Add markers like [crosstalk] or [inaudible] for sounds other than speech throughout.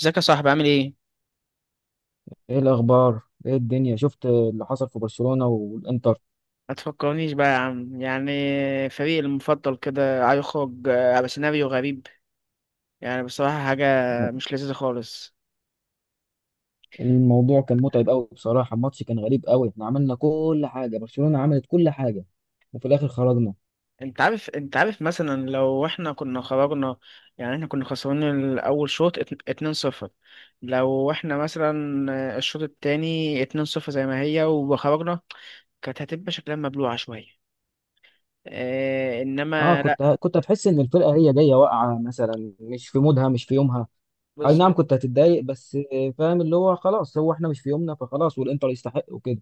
ازيك يا صاحبي، عامل ايه؟ ايه الاخبار؟ ايه الدنيا؟ شفت اللي حصل في برشلونة والانتر. ما تفكرنيش بقى يا عم، يعني فريقي المفضل كده هيخرج بسيناريو غريب. يعني بصراحة حاجة الم- مش لذيذة خالص. الموضوع كان متعب قوي بصراحة. الماتش كان غريب قوي، احنا عملنا كل حاجة، برشلونة عملت كل حاجة وفي الاخر خرجنا. انت عارف مثلا لو احنا كنا خرجنا، يعني احنا كنا خسرانين الأول شوط 2-0. لو احنا مثلا الشوط التاني 2-0 زي ما هي وخرجنا، كانت هتبقى شكلها مبلوعة شوية. اه اه، انما كنت هتحس ان الفرقة هي جاية واقعة مثلا، مش في مودها مش في يومها. اي نعم، لا كنت هتتضايق بس فاهم اللي هو خلاص، هو احنا مش في يومنا فخلاص، والانتر يستحق وكده.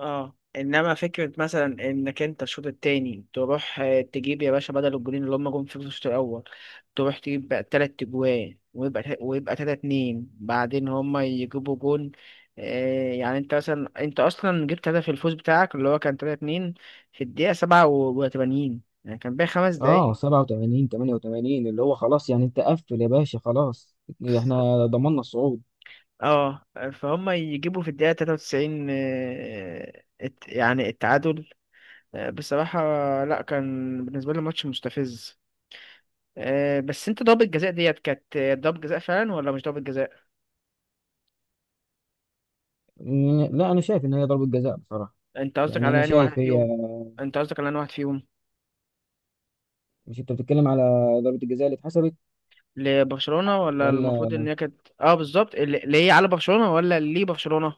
اه انما فكره مثلا انك انت الشوط التاني تروح تجيب يا باشا بدل الجولين اللي هم جم في الشوط الاول، تروح تجيب بقى 3 اجوان ويبقى ويبقى 3-2، بعدين هم يجيبوا جون. يعني انت مثلا انت اصلا جبت هدف الفوز بتاعك اللي هو كان 3-2 في الدقيقه 87، يعني كان باقي خمس اه، دقايق 87 88 اللي هو خلاص، يعني انت قفل يا باشا خلاص، [laughs] احنا ضمننا الصعود. اه. فهم يجيبوا في الدقيقة 93 يعني التعادل. بصراحة لا، كان بالنسبة لي ماتش مستفز. بس انت ضربة جزاء ديت كانت ضربة جزاء فعلا ولا مش ضربة جزاء؟ لا، انا شايف ان هي ضربة جزاء بصراحة. انت قصدك يعني انا على انهي شايف واحد هي. فيهم؟ انت قصدك على انهي واحد فيهم؟ مش انت بتتكلم على ضربة الجزاء اللي اتحسبت لبرشلونة، ولا ولا؟ المفروض ان هي كانت اه بالظبط، اللي هي على برشلونة ولا اللي برشلونة؟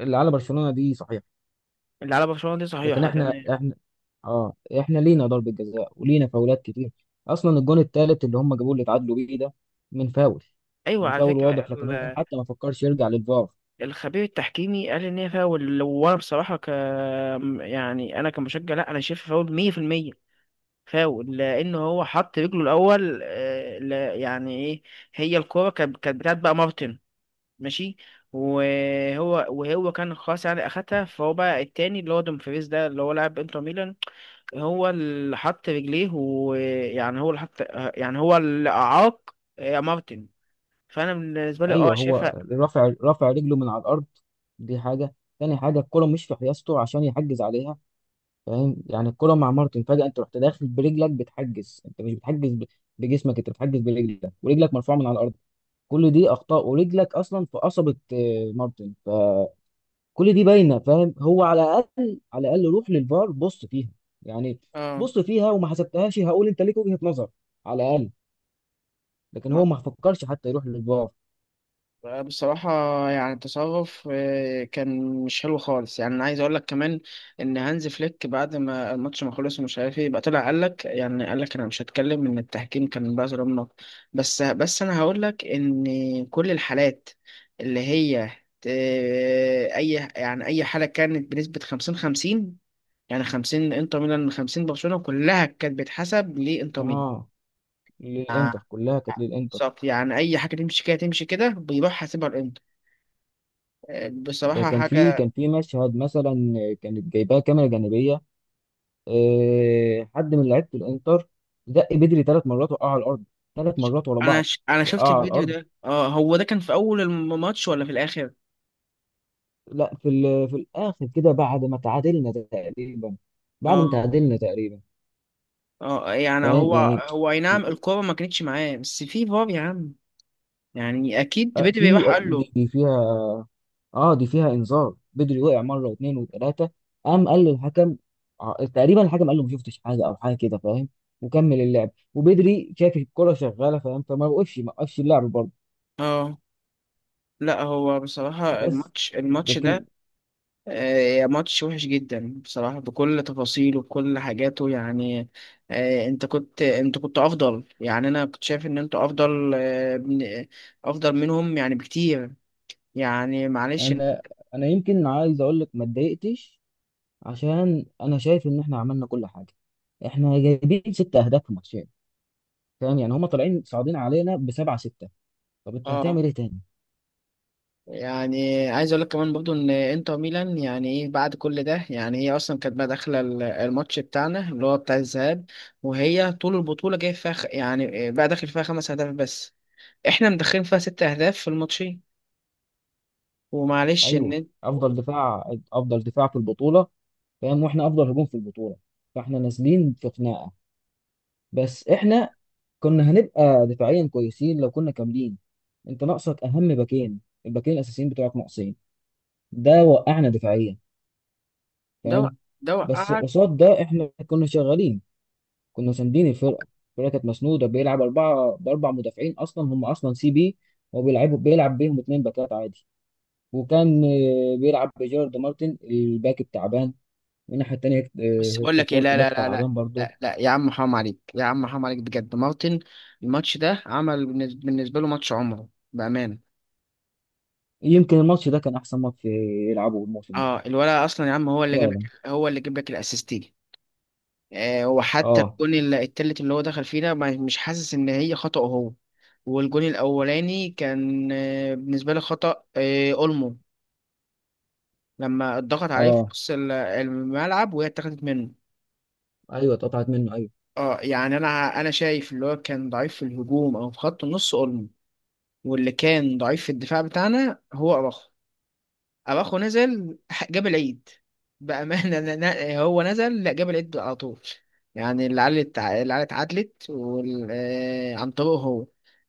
اللي على برشلونة دي صحيح، اللي على برشلونة دي لكن صحيحة احنا تمام. احنا اه، احنا لينا ضربة جزاء ولينا فاولات كتير. اصلا الجون الثالث اللي هم جابوه اللي اتعادلوا بيه ده من فاول. ايوه، من على فاول فكرة واضح، لكن هو حتى ما فكرش يرجع للفار. الخبير التحكيمي قال ان هي فاول، وانا بصراحة يعني انا كمشجع، لا انا شايف فاول 100%. فاول لان هو حط رجله الاول يعني ايه، هي الكوره كانت بتاعت بقى مارتن. ماشي. وهو كان خلاص، يعني اخدها، فهو بقى التاني اللي هو دومفريز، ده اللي هو لاعب انتر ميلان، هو اللي حط رجليه، ويعني هو اللي حط، يعني هو اللي اعاق مارتن. فانا بالنسبه لي ايوه، اه شايفها. هو رافع رافع رجله من على الارض، دي حاجة. تاني حاجة، الكرة مش في حيازته عشان يحجز عليها. فاهم يعني، الكرة مع مارتن فجأة، انت رحت داخل برجلك بتحجز، انت مش بتحجز بجسمك، انت بتحجز برجلك ورجلك مرفوعة من على الارض. كل دي اخطاء، ورجلك اصلا في قصبه مارتن، فكل دي باينه. فاهم، هو على الاقل على الاقل روح للفار بص فيها يعني. اه بص فيها وما حسبتهاش، هقول انت ليك وجهه نظر على الاقل. لكن هو ما فكرش حتى يروح للفار. بصراحة، يعني التصرف كان مش حلو خالص. يعني أنا عايز أقول لك كمان إن هانز فليك بعد ما الماتش ما خلص، ومش عارف إيه بقى، طلع قال لك، يعني قال لك أنا مش هتكلم إن التحكيم كان بقى ظلمنا. بس أنا هقول لك إن كل الحالات اللي هي أي، يعني أي حالة كانت بنسبة 50-50، يعني 50 إنتر ميلان 50 برشلونة، كلها كانت بتحسب لإنتر ميلان. اه، آه، للانتر كلها كانت للانتر. بالظبط، يعني أي حاجة تمشي كده تمشي كده بيروح حاسبها الإنتر. ده بصراحة كان في حاجة. كان في مشهد مثلا، كانت جايباه كاميرا جانبيه، حد من لعيبه الانتر دق بدري ثلاث مرات وقع على الارض. ثلاث مرات ورا بعض أنا شفت وقع على الفيديو الارض. ده. اه، هو ده كان في أول الماتش ولا في الآخر؟ لا، في الاخر كده، بعد ما تعادلنا تقريبا، بعد ما اه تعادلنا تقريبا. اه. يعني فاهم هو، يعني، هو أي نعم الكورة ما كانتش معاه، بس في فار يا عم، يعني أكيد بدري راح في قال دي له. دي فيها. اه، دي فيها انذار، بدري وقع مره واثنين وثلاثه، قام قال للحكم. تقريبا الحكم قال له ما شفتش حاجه او حاجه كده. فاهم، وكمل اللعب وبدري شاف الكره شغاله. فاهم، فما وقفش ما وقفش اللعب برضه. اه. لا، هو بصراحة بس، الماتش لكن ده آه ماتش وحش جدا بصراحة، بكل تفاصيله بكل حاجاته. يعني آه انت كنت افضل، يعني انا كنت شايف ان انت افضل افضل منهم يعني بكتير. يعني معلش. انا انا يمكن عايز اقول لك ما اتضايقتش، عشان انا شايف ان احنا عملنا كل حاجه. احنا جايبين ست اهداف في ماتشين. فاهم يعني، هم طالعين صاعدين علينا بسبعة ستة، طب انت اه، هتعمل ايه تاني؟ يعني عايز اقول لك كمان برضو ان انتر ميلان يعني ايه بعد كل ده. يعني هي اصلا كانت بقى داخله الماتش بتاعنا اللي هو بتاع الذهاب، وهي طول البطوله جايه فيها يعني بقى داخل فيها 5 اهداف بس. احنا مدخلين فيها 6 اهداف في الماتشين. ومعلش ان ايوه، انت افضل دفاع افضل دفاع في البطولة. فاهم، واحنا افضل هجوم في البطولة، فاحنا نازلين في خناقة. بس احنا كنا هنبقى دفاعيا كويسين لو كنا كاملين. انت ناقصك اهم باكين، الباكين الاساسيين بتوعك ناقصين، ده وقعنا دفاعيا. ده وق- فاهم، ده بس وقعك. قصاد ده احنا كنا شغالين، كنا ساندين الفرقة، الفرقة كانت مسنودة. بيلعب أربعة بأربع مدافعين، أصلا هم أصلا سي بي، وبيلعبوا بيلعب بيهم اتنين باكات عادي. وكان بيلعب بجيرارد مارتن الباك التعبان، والناحية التانية بس بقول هيكتور لك ايه، فورت لا لا باك لا لا، تعبان برضه. لا لا يا عم، حرام عليك يا عم، حرام عليك بجد. مارتن الماتش ده عمل بالنسبه له ماتش عمره بامانه. يمكن الماتش ده كان أحسن ماتش يلعبه الموسم ده. اه الولد اصلا يا عم هو اللي جاب، فعلا. هو اللي جاب لك الاسيستين. وحتى اه. الجون التالت اللي هو دخل فيه ده، مش حاسس ان هي خطأ هو. والجون الاولاني كان بالنسبه لي خطأ اولمو، لما اتضغط عليه في اه. نص الملعب وهي اتاخدت منه. ايوه، اتقطعت منه ايوه. اه يعني انا شايف اللي هو كان ضعيف في الهجوم او في خط النص اولمو، واللي كان ضعيف في الدفاع بتاعنا هو اراخو. اراخو نزل جاب العيد بامانه. [laughs] هو نزل، لا جاب العيد على طول. يعني اللي علت عدلت وال... آه، عن طريقه هو.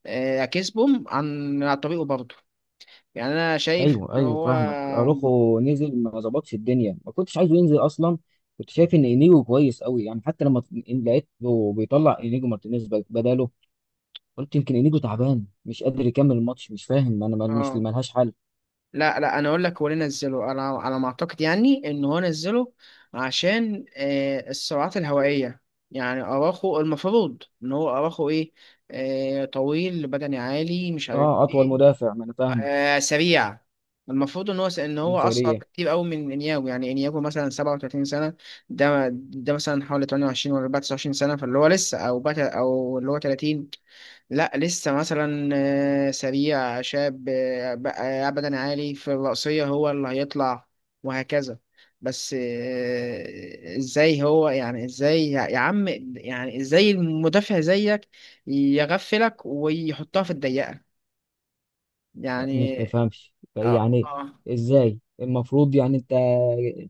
كسبهم عن طريقه برضه. يعني انا شايف ايوه، ان ايوه، هو فاهمك. اروخو نزل ما ظبطش الدنيا، ما كنتش عايزه ينزل اصلا. كنت شايف ان انيجو كويس قوي، يعني حتى لما إن لقيته بيطلع انيجو مارتينيز بداله، قلت يمكن انيجو تعبان مش قادر يكمل الماتش. مش فاهم انا، مش اه، ملهاش حل. لا لا انا اقول لك هو ليه نزله. انا على ما اعتقد يعني ان هو نزله عشان السرعات الهوائيه. يعني اراخو، المفروض ان هو اراخو ايه، طويل، بدني عالي، مش عارف اه، اطول ايه، مدافع، ما انا فاهمك. سريع. المفروض ان هو ان هو اصعب وسريع. كتير قوي من انياجو، يعني انياجو مثلا 37 سنه، ده مثلا حوالي 28 ولا 29 سنه، فاللي هو لسه او بقى او اللي هو 30، لا لسه مثلا سريع شاب بقى ابدا عالي في الرأسيه هو اللي هيطلع وهكذا. بس ازاي هو، يعني ازاي يا عم، يعني ازاي المدافع زيك يغفلك ويحطها في الضيقه؟ لا، ما يعني تفهمش اه يعني؟ اه ازاي المفروض يعني انت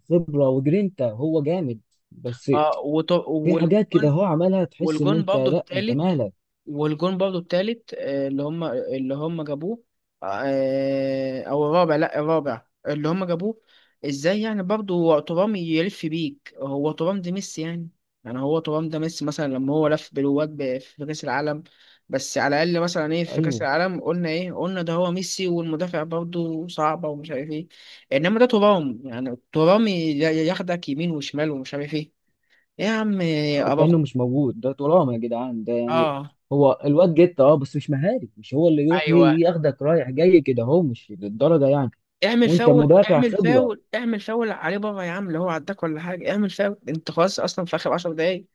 خبرة وجرينتا هو جامد، بس في حاجات كده والجون، هو عملها تحس ان والجون انت برضه لا، انت التالت، مالك. اللي هم جابوه او الرابع، لا الرابع اللي هم جابوه. ازاي يعني برضه هو ترام يلف بيك؟ هو ترام ده ميسي يعني، يعني هو ترام ده ميسي، مثلا لما هو لف بالواد في كاس العالم، بس على الاقل مثلا، ايه في كاس ايوه، العالم، قلنا ايه، قلنا ده هو ميسي والمدافع برضه صعبه ومش عارف ايه. انما ده ترام، يعني ترام ياخدك يمين وشمال ومش عارف ايه. إيه يا عم؟ ابو أخ- كأنه مش موجود، ده ترام يا جدعان، ده يعني اه هو الواد جيت، اه، بس مش مهاري، مش هو اللي يروح ايوه، ياخدك رايح جاي كده، هو مش للدرجة يعني. اعمل وانت فاول، مدافع اعمل خبرة. فاول، اعمل فاول عليه بره يا عم، اللي هو عداك ولا حاجه، اعمل فاول، انت خلاص اصلا في اخر 10 دقايق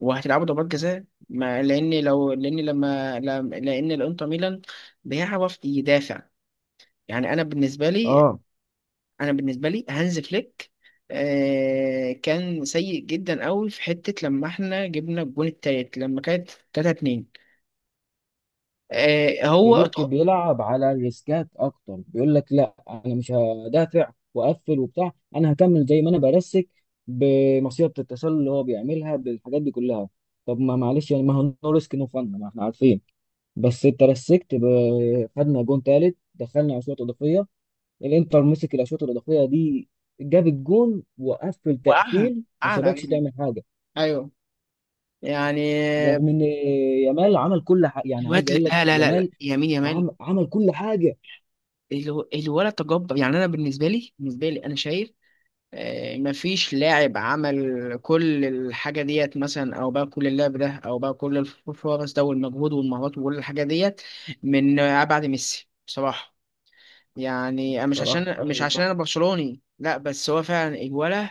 وهتلعبوا ضربات جزاء. ما لان لو لان لما لم- لان الانتر ميلان بيعرف يدافع. يعني انا بالنسبه لي اه، انا بالنسبه لي هانز فليك كان سيء جدا قوي في حته، لما احنا جبنا الجون التالت لما كانت 3-2. آه هو فليك اتخ- بيلعب على الريسكات اكتر، بيقول لك لا، انا مش هدافع واقفل وبتاع، انا هكمل زي ما انا برسك بمصيدة التسلل اللي هو بيعملها بالحاجات دي كلها. طب ما معلش يعني، ما هو نو ريسك نو فن، ما احنا عارفين. بس انت رسكت، خدنا جون تالت، دخلنا اشواط اضافيه. الانتر مسك الاشواط الاضافيه دي، جاب الجون وقفل وقعها، تقفيل ما قعد سابكش علينا تعمل حاجه. يعني. رغم ان يامال عمل كل حاجه، يعني عايز الواد اقول لك لا لا لا لا، يامال يمين، يمال. عمل كل حاجه. الولد تجبر، يعني انا بالنسبه لي انا شايف مفيش لاعب عمل كل الحاجه ديت، مثلا او بقى كل اللعب ده، او بقى كل الفرص ده والمجهود والمهارات وكل الحاجه ديت، من بعد ميسي بصراحه. يعني مش بصراحة، عشان مش أيوة، عشان صح. انا برشلوني، لا بس هو فعلا الولد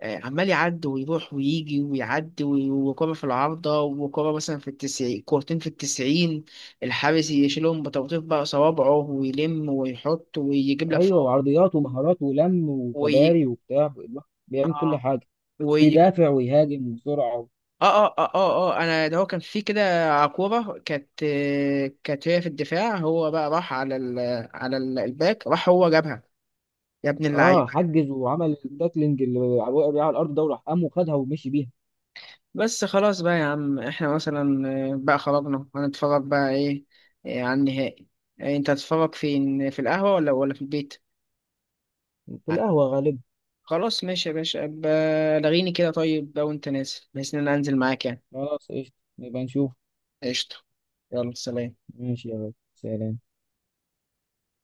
عمال يعدي ويروح ويجي ويعدي وي- وكرة في العارضة، وكرة مثلا في التسعين، كورتين في التسعين، الحارس يشيلهم بطبطيف بقى صوابعه ويلم ويحط ويجيب لك ايوه، فوق. وعرضيات ومهارات ولم وي... وكباري وبتاع، الواحد بيعمل كل آه حاجه. ويجيب. بيدافع ويهاجم وسرعه. أنا ده هو كان في كده كورة، كانت كانت هي في الدفاع، هو بقى راح على الباك، راح هو جابها. يا ابن اه، اللعيبة. حجز وعمل التاكلينج اللي وقع بيه على الارض ده، وراح قام وخدها ومشي بيها. بس خلاص بقى يا عم، احنا مثلا بقى خرجنا، هنتفرج بقى ايه على النهائي؟ انت هتتفرج فين، في القهوة ولا في البيت؟ في ع- القهوه غالبا. خلاص ماشي يا باشا. أبقى لغيني كده طيب بقى وانت نازل، بحيث ان انا انزل معاك يعني. خلاص قشطه، نبقى نشوف. قشطة. يلا سلام. ماشي يا غالي، سلام.